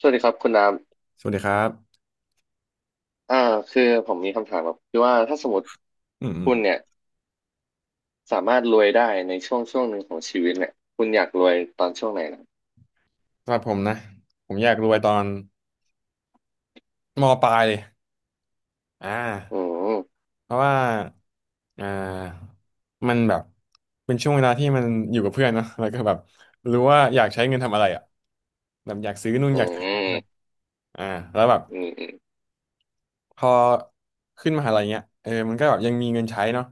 สวัสดีครับคุณน้สวัสดีครับำคือผมมีคำถามแบบคือว่าถ้าสมมติอืมอืมคุณเนี่ยสามารถรวยได้ในช่วงหนึ่งของชีวิตเนี่ยคุณอยากรวยตอนช่วงไหนนะสำหรับผมนะผมอยากรวยตอนมปลายเลยอ่าอืมเพราะว่าอ่ามันแบบเป็นช่วงเวลาที่มันอยู่กับเพื่อนเนอะแล้วก็แบบรู้ว่าอยากใช้เงินทำอะไรอ่ะอืมอ่าแล้วแบบอืมพอขึ้นมหาลัยเงี้ยมันก็แบบยังมีเงินใช้เนาะ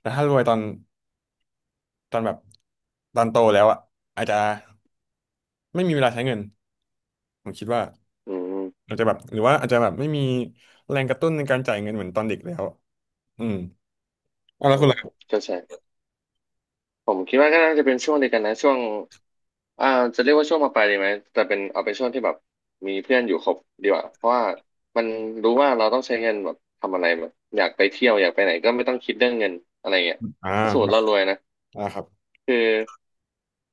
แต่ถ้ารวยตอนตอนแบบตอนโตแล้วอ่ะอาจจะไม่มีเวลาใช้เงินผมคิดว่าอืมอาจจะแบบหรือว่าอาจจะแบบไม่มีแรงกระตุ้นในการจ่ายเงินเหมือนตอนเด็กแล้ว อืมเอาแล้อืวคุณมล่ะก็ใช่ผมคิดว่าก็น่าจะเป็นช่วงเดียวกันนะช่วงอ่าจะเรียกว่าช่วงมปลายดีไหมแต่เป็นเอาเป็นช่วงที่แบบมีเพื่อนอยู่ครบดีกว่าเพราะว่ามันรู้ว่าเราต้องใช้เงินแบบทำอะไรแบบอยากไปเที่ยวอยากไปไหนก็ไม่ต้องคิดเรื่องเงินอะไรเงี้ยอ่าถ้าสมมติเรารวยนะอ่าครับคือ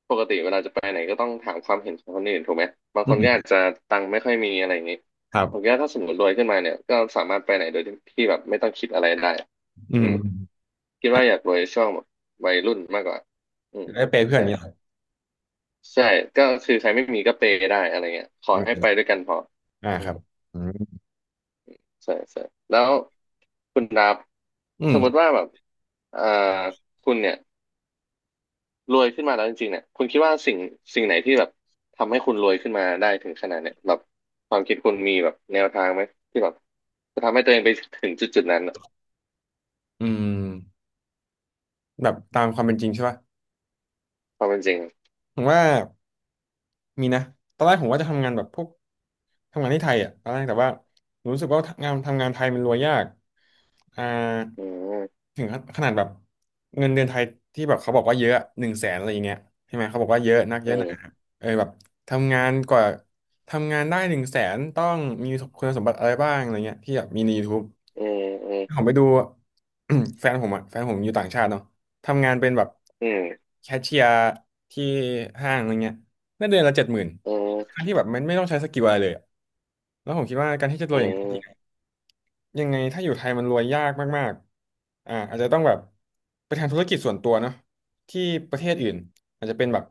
ปกติเวลาจะไปไหนก็ต้องถามความเห็นของคนอื่นถูกไหมบางอืคนก็อามจจะตังค์ไม่ค่อยมีอะไรอย่างนี้ครัผมคิดบว่าถ้าสมมติรวยขึ้นมาเนี่ยก็สามารถไปไหนโดยที่แบบไม่ต้องคิดอะไรได้อือืมมคิดครัว่าอยากบรวยช่วงแบบวัยรุ่นมากกว่าอืมได้เปย์เพื่อนอใช่ย่างนี้เหรอใช่ก็คือใครไม่มีก็เปย์ได้อะไรเงี้ยขออืมให้ไปด้วยกันพออ่าอืคมรับอืมใช่ใช่แล้วคุณดับอืสมมติมว่าแบบเอ่อคุณเนี่ย รวยขึ้นมาแล้วจริงๆเนี่ยคุณคิดว่าสิ่งไหนที่แบบทำให้คุณรวยขึ้นมาได้ถึงขนาดเนี่ยแบบความคิดคุณมีแบบแนวทางไหมที่แบบจะทำให้ตัวเองไปถึงจุดนั้นอะอืมแบบตามความเป็นจริงใช่ป่ะความเป็นจริงอะผมว่า มีนะตอนแรกผมว่าจะทำงานแบบพวกทำงานที่ไทยอ่ะตอนแรกแต่ว่าผมรู้สึกว่างานทำงานไทยมันรวยยากอ่าอืมถึงขนาดแบบเงินเดือนไทยที่แบบเขาบอกว่าเยอะหนึ่งแสนอะไรอย่างเงี้ยใช่ไหมเขาบอกว่าเยอะนักเยอือะหนามแบบทำงานกว่าทำงานได้หนึ่งแสนต้องมีคุณสมบัติอะไรบ้างอะไรเงี้ยที่แบบมีใน YouTube อืมอืผมมไปดู แฟนผมอยู่ต่างชาติเนาะทำงานเป็นแบบอืมแคชเชียร์ที่ห้างอะไรเงี้ยได้เดือนละ70,000อืทั้มงที่แบบมันไม่ต้องใช้สกิลอะไรเลยอะแล้วผมคิดว่าการที่จะรวอืยอย่างนน มยังไงถ้าอยู่ไทยมันรวยยากมากๆอาจจะต้องแบบไปทำธุรกิจส่วนตัวเนาะที่ประเทศอื่นอาจจะเป็นแบบ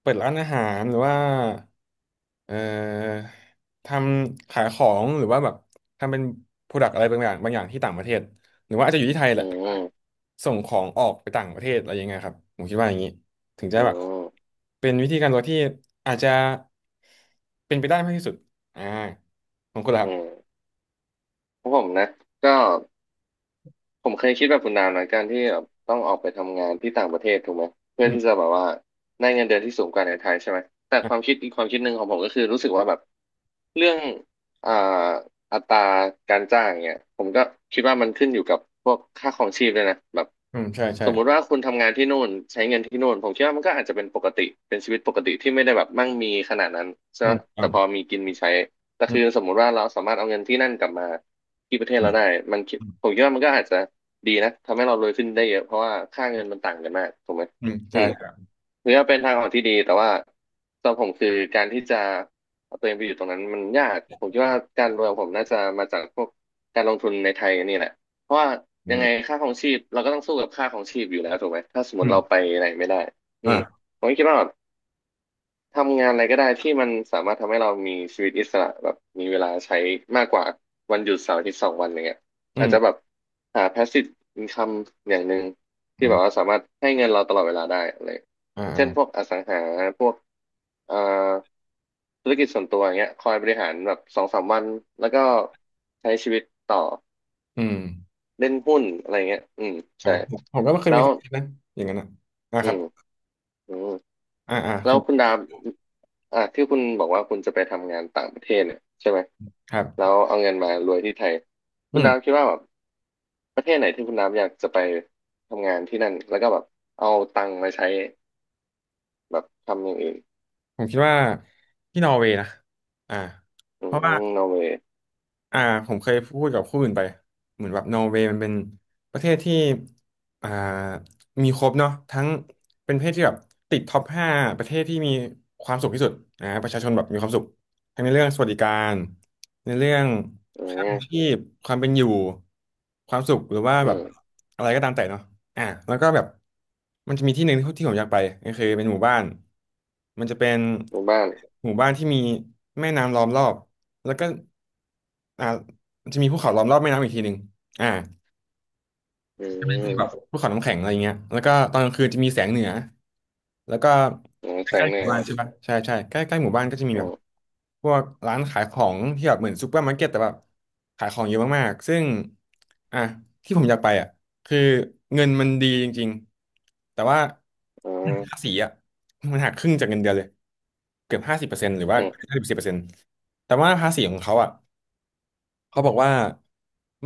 เปิดร้านอาหารหรือว่าเอ่อทำขายของหรือว่าแบบทำเป็นโปรดักต์อะไรบางอย่างที่ต่างประเทศหรือว่าอาจจะอยู่ที่ไทยแหอืละมแต่อืว่ามส่งของออกไปต่างประเทศอะไรยังไงครับผมคิดว่าอย่างนี้ถึงจะอืแบบมเป็นวิธีการรวยที่อาจจะเป็นไปได้มากที่สุดอ่าของคุณล่ะคอืรัมบของผมนะก็ ผมเคยคิดแบบคุณนามนะการที่แบบต้องออกไปทำงานที่ต่างประเทศถูกไหมเพื่อือที่จะม แบบว่าได้เงินเดือนที่สูงกว่าในไทยใช่ไหมแต่ความคิดอีกความคิดหนึ่งของผมก็คือรู้สึกว่าแบบเรื่องอ่าอัตราการจ้างเนี่ยผมก็คิดว่ามันขึ้นอยู่กับพวกค่าครองชีพด้วยนะแบบอืมใช่ใช่สมมุติว่าคุณทำงานที่นู่นใช้เงินที่นู่นผมคิดว่ามันก็อาจจะเป็นปกติเป็นชีวิตปกติที่ไม่ได้แบบมั่งมีขนาดนั้นใช่อืไหมมฟัแต่งพอมีกินมีใช้แต่อืคือมสมมุติว่าเราสามารถเอาเงินที่นั่นกลับมาที่ประเทศอืเรามได้มันคิดอืมผมคิดว่ามันก็อาจจะ ดีนะทำให้เรารวยขึ้นได้เยอะเพราะว่าค่าเงินมันต่างกันมากถูกไหมอืมอืใช่มครับถือว่าเป็นทางออกที่ดีแต่ว่าสำหรับผมคือการที่จะเอาตัวเองไปอยู่ตรงนั้นมันยากผมคิดว่าการรวยของผมน่าจะมาจากพวกการลงทุนในไทยนี่แหละเพราะว่าอืยังไงมค่าครองชีพเราก็ต้องสู้กับค่าครองชีพอยู่แล้วถูกไหมถ้าสมมอืติมเราไปไหนไม่ได้อืมอ่าผมก็คิดว่า ทำงานอะไรก็ได้ที่มันสามารถทำให้เรามีชีวิตอิสระแบบมีเวลาใช้มากกว่าวันหยุดเสาร์อาทิตย์สองวันอย่างเงี้ยอือาจจะแบมบหา passive income อย่างหนึ่งที่อืแบบว่ามสามารถให้เงินเราตลอดเวลาได้อะไรอ่าเช่นพวกอ่าอสังหาพวกเอ่อธุรกิจส่วนตัวอย่างเงี้ยคอยบริหารแบบสองสามวันแล้วก็ใช้ชีวิตต่ออืมเล่นหุ้นอะไรเงี้ยอืมอ่าใช่ผมก็ไม่เคยแล้มีวความคิดนั้นอย่างนั้นนะอ่าอืครัมบอืม อ่าอ่าแล้คุวณคุณดาบที่คุณบอกว่าคุณจะไปทำงานต่างประเทศเนี่ยใช่ไหมครัแล้บวเอาเงินมารวยที่ไทยอืคุณมดาบคิดว่าแบบประเทศไหนที่คุณดาบอยากจะไปทำงานที่นั่นแล้วก็แบบเอาตังค์มาใช้แบบทำอย่างอื่นผมคิดว่าที่นอร์เวย์นะอ่าอืเพราะว่า มนอร์เวย์อ่าผมเคยพูดกับผู้อื่นไปเหมือนแบบนอร์เวย์มันเป็นประเทศที่อ่ามีครบเนาะทั้งเป็นประเทศที่แบบติดท็อป 5ประเทศที่มีความสุขที่สุดประชาชนแบบมีความสุขทั้งในเรื่องสวัสดิการในเรื่องอืค่าครองมชีพความเป็นอยู่ความสุขหรือว่าอืแบบมอะไรก็ตามแต่เนาะ อ่ะแล้วก็แบบมันจะมีที่หนึ่งที่ที่ผมอยากไปก็คือเป็นหมู่บ้านมันจะเป็นหมู่บ้านหมู่บ้านที่มีแม่น้ำล้อมรอบแล้วก็อ่ามันจะมีภูเขาล้อมรอบแม่น้ำอีกทีหนึ่งอ่า อืใช่ไมคือแบบมภูเขาน้ำแข็งอะไรเงี้ยแล้วก็ตอนกลางคืนจะมีแสงเหนือ แล้วก็อืมใกแสล้งๆเหหนืมู่อบ้านใช่ปะใช่ใช่ใกล้ใกล้หมู่บ้านก็จะมีอืแบบมพวกร้านขายของที่แบบเหมือนซูเปอร์มาร์เก็ตแต่แบบขายของเยอะมากๆซึ่งอ่ะที่ผมอยากไปอ่ะคือเงินมันดีจริงๆแต่ว่าอืมภาษีอ่ะมันหักครึ่งจากเงินเดือนเลยเกือบห้าสิบเปอร์เซ็นต์หรือว่าอืมห้าสิบเปอร์เซ็นต์แต่ว่าภาษีของเขาอ่ะ เขาบอกว่า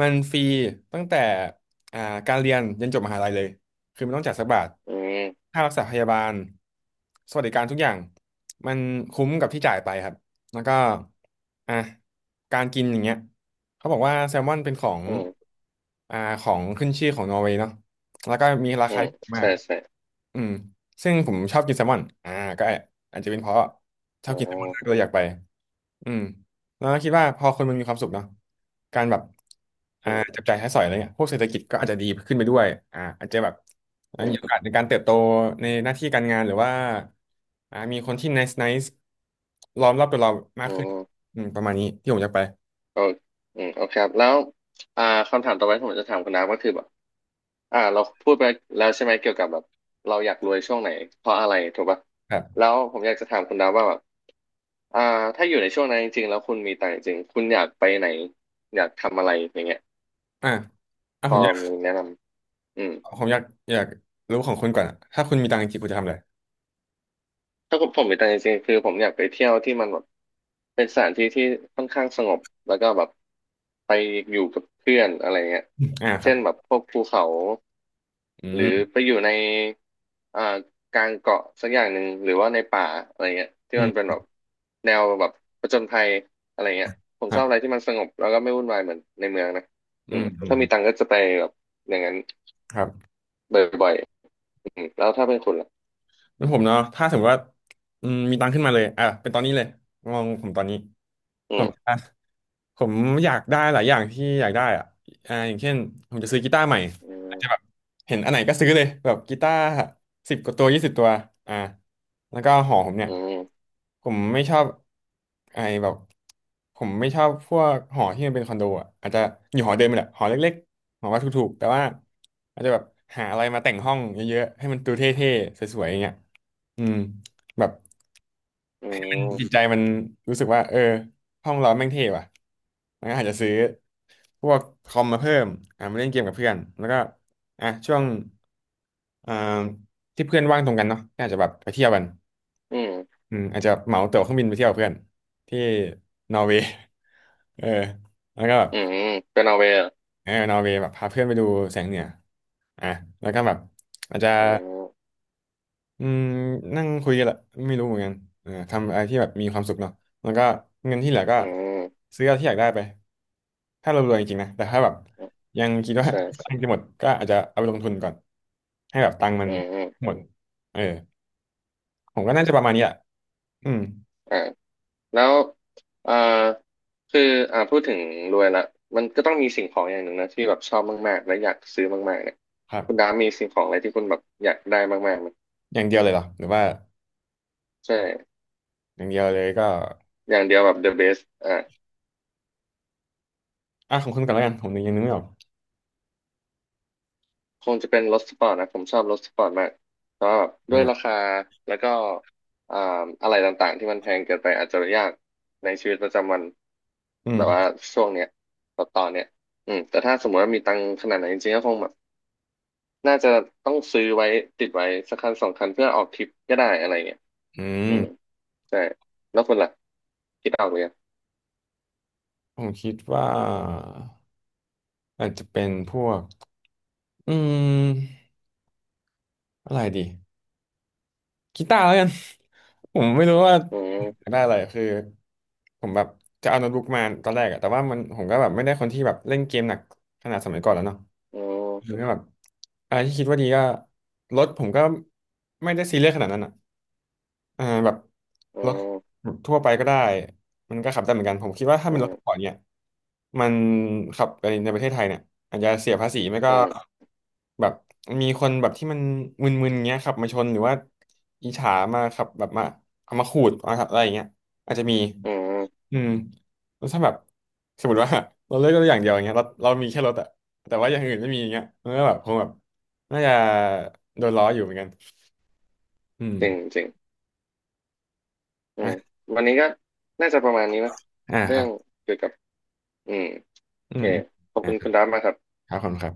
มันฟรีตั้งแต่อ่าการเรียนยันจบมหาลัยเลยคือไม่ต้องจ่ายสักบาทอืมค่ารักษาพยาบาลสวัสดิการทุกอย่างมันคุ้มกับที่จ่ายไปครับแล้วก็อ่ะการกินอย่างเงี้ยเขาบอกว่าแซลมอนเป็นของอืมอ่าของขึ้นชื่อของนอร์เวย์เนาะแล้วก็มีราอืคามที่ถูกมาใช่กใช่อืมซึ่งผมชอบกินแซลมอนก็อาจจะเป็นเพราะชอบอ๋อกินแซลมอนมากเลยอยากไป อืมแล้วคิดว่าพอคนมันมีความสุขเนาะการแบบอืมจับจ่ายใช้สอยอะไรเนี่ยพวกเศรษฐกิจก็อาจจะดีขึ้นไปด้วยอาจจะแบบอืมีมโอกาสในการเติบโตในหน้าที่การงานหรือว่ามีคนที่ nice nice ล้อมรอบตัวเรามาอืกขึ้นมอืมประมาณนี้ที่ผมอยากไปโอเคอืมโอเคครับแล้วอ่าคำถามต่อไปที่ผมจะถามคุณน้ำก็คือแบบ เราพูดไปแล้วใช่ไหมเกี่ยวกับแบบเราอยากรวยช่วงไหนเพราะอะไรถูกปะครับแล้วผมอยากจะถามคุณดาวว่าแบบอ่าถ้าอยู่ในช่วงนั้นจริงๆแล้วคุณมีตังค์จริงๆคุณอยากไปไหนอยากทำอะไรอย่างเงี้ยอ่าอ่าพผอมอยากมีแนะนำอืม ผมอยากรู้ของคุณก่อนอะถ้าคุณมีตังค์จริงๆคุณจะทำอะไรถ้าผมมีตังค์จริงๆคือผมอยากไปเที่ยวที่มันแบบเป็นสถานที่ที่ค่อนข้างสงบแล้วก็แบบไปอยู่กับเพื่อนอะไรเงี้ยอ่าครัเช่บนแบบพวกภูเขาอืหรือมไปอยู่ในอ่ากลางเกาะสักอย่างหนึ่งหรือว่าในป่าอะไรเงี้ยที่อืมันเป็นมแบบแนวแบบผจญภัยอะไรเงี้ยผมคชรัอบอะไรบที่มันสงบแล้วก็ไม่วุ่นวายเหมือนในเมืองนะอือืมมอืมถ้ามีตังค์ก็จะไปแบบอย่างนั้นครับ บ่อยๆอืมแล้วถ้าเป็นคุณล่ะแล้วผมเนาะถ้าสมมติว่ามีตังค์ขึ้นมาเลยอ่ะเป็นตอนนี้เลยมองผมตอนนี้อืผมม ผมอยากได้หลายอย่างที่อยากได้อะอย่างเช่นผมจะซื้อกีตาร์ใหม่อือาจมจะแบบเห็นอันไหนก็ซื้อเลยแบบกีตาร์สิบกว่าตัว20ตัวอ่าแล้วก็หอผมเนี่ยอืมผมไม่ชอบไอ้แบบผมไม่ชอบพวกหอที่มันเป็นคอนโดอ่ะอาจจะอยู่หอเดิมนี่แหละหอเล็กๆหอว่าถูกๆแต่ว่าอาจจะแบบหาอะไรมาแต่งห้องเยอะๆให้มันดูเท่ๆสวยๆอย่างเงี้ยอืมแบบ อืม จิตใจมันรู้สึกว่าเออห้องเราแม่งเท่ว่ะมันก็อาจจะซื้อพวกคอมมาเพิ่มมาเล่นเกมกับเพื่อน แล้วก็อ่ะช่วงอ่าที่เพื่อนว่างตรงกันเนาะก็อาจจะแบบไปเที่ยวกันอืมอืมอาจจะเหมาตั๋วเครื่องบินไปเที่ยวกับเพื่อนที่นอร์เวย์ เออแล้วก็แบบอืมเป็นนอร์เวย์เหรอเออนอร์เวย์แบบพาเพื่อนไปดูแสงเหนืออ่ะแล้วก็แบบอาจจะ อืมอืมนั่งคุยกันแหละไม่รู้เหมือนกันเออทำอะไรที่แบบมีความสุขเนาะแล้วก็เงินที่เหลือก็อืมซื้อเอาที่อยากได้ไปถ้าเรารวยจริงๆนะแต่ถ้าแบบอืมยังคิดว่า ใช่ กำใช่ลังจะหมดก็อาจจะเอาไปลงทุนก่อนให้แบบตังค์มัอืนมอืมหมดเออผมก็น่าจะประมาณนี้แหละอืมอ่าแล้วเอ่อคือพูดถึงรวยละมันก็ต้องมีสิ่งของอย่างหนึ่งนะที่แบบชอบมากๆและอยากซื้อมากๆเนี่ยครัคุณดาบมีสิ่งของอะไรที่คุณแบบอยากได้มากๆไหมอย่างเดียวเลยเหรอหรือว่าใช่อย่างเดียวเลยก็อย่างเดียวแบบ the best อ่ะของคุณก่อนแล้วกันผมยังนึกไม่ออกคงจะเป็นรถสปอร์ตนะผมชอบรถสปอร์ตมากแต่ว่าด้วยอ่าราคาแล้วก็อ่าอะไรต่างๆที่มันแพงเกินไปอาจจะยากในชีวิตประจำวันอืแบบว่ามช่วงเนี้ยตอนเนี้ยอืมแต่ถ้าสมมติว่ามีตังค์ขนาดไหนนจริงๆก็คงแบบน่าจะต้องซื้อไว้ติดไว้สักคันสองคันเพื่อออกทริปก็ได้อะไรเงี้ยอือืมมใช่แล้วคุณล่ะคิดออกเลยงผมคิดว่าอาจจะเป็นพวกอืมอะไรดี กีตาร์แล้วกัน ผมไม่รู้ว่าอือยามกได้อะไรคือผมแบบจะเอาโน้ตบุ๊กมาตอนแรกอะแต่ว่ามันผมก็แบบไม่ได้คนที่แบบเล่นเกมหนักขนาดสมัยก่อนแล้วเนาะอืคือมก็แบบอะไรที่คิดว่าดีก็รถผมก็ไม่ได้ซีเรียสขนาดนั้นอะ อ่าแบบอืรถมแบบทั่วไปก็ได้มันก็ขับได้เหมือนกันผมคิดว่าถ้าอืเป็นรถสปอร์มตเนี่ยมันขับในประเทศไทยเนี่ยอาจจะเสียภาษีไม่ก็อืมแบบมีคนแบบที่มันมึนๆเงี้ยขับมาชนหรือว่าอิจฉามาขับแบบมาเอามาขูดมาขับอะไรอย่างเงี้ยอาจจะมีอืมอืมแล้วถ้าแบบสมมติว่า เราเลือกรถอย่างเดียวอย่างเงี้ยเรามีแค่รถอะแต่ว่าอย่างอื่นไม่มีอย่างเงี้ยมันก็แบบคงแบบน่าจะโดนล้ออยู่เหมือนกันอืมจริงจริง อือ่ะมวันนี้ก็น่าจะประมาณนี้มั้ยอ่าคเรื่รัอบ งเกี่ยวกับอืมโออืเคมขอบอ่ะคุณครัคุบณดับมากครับอบคุณครับ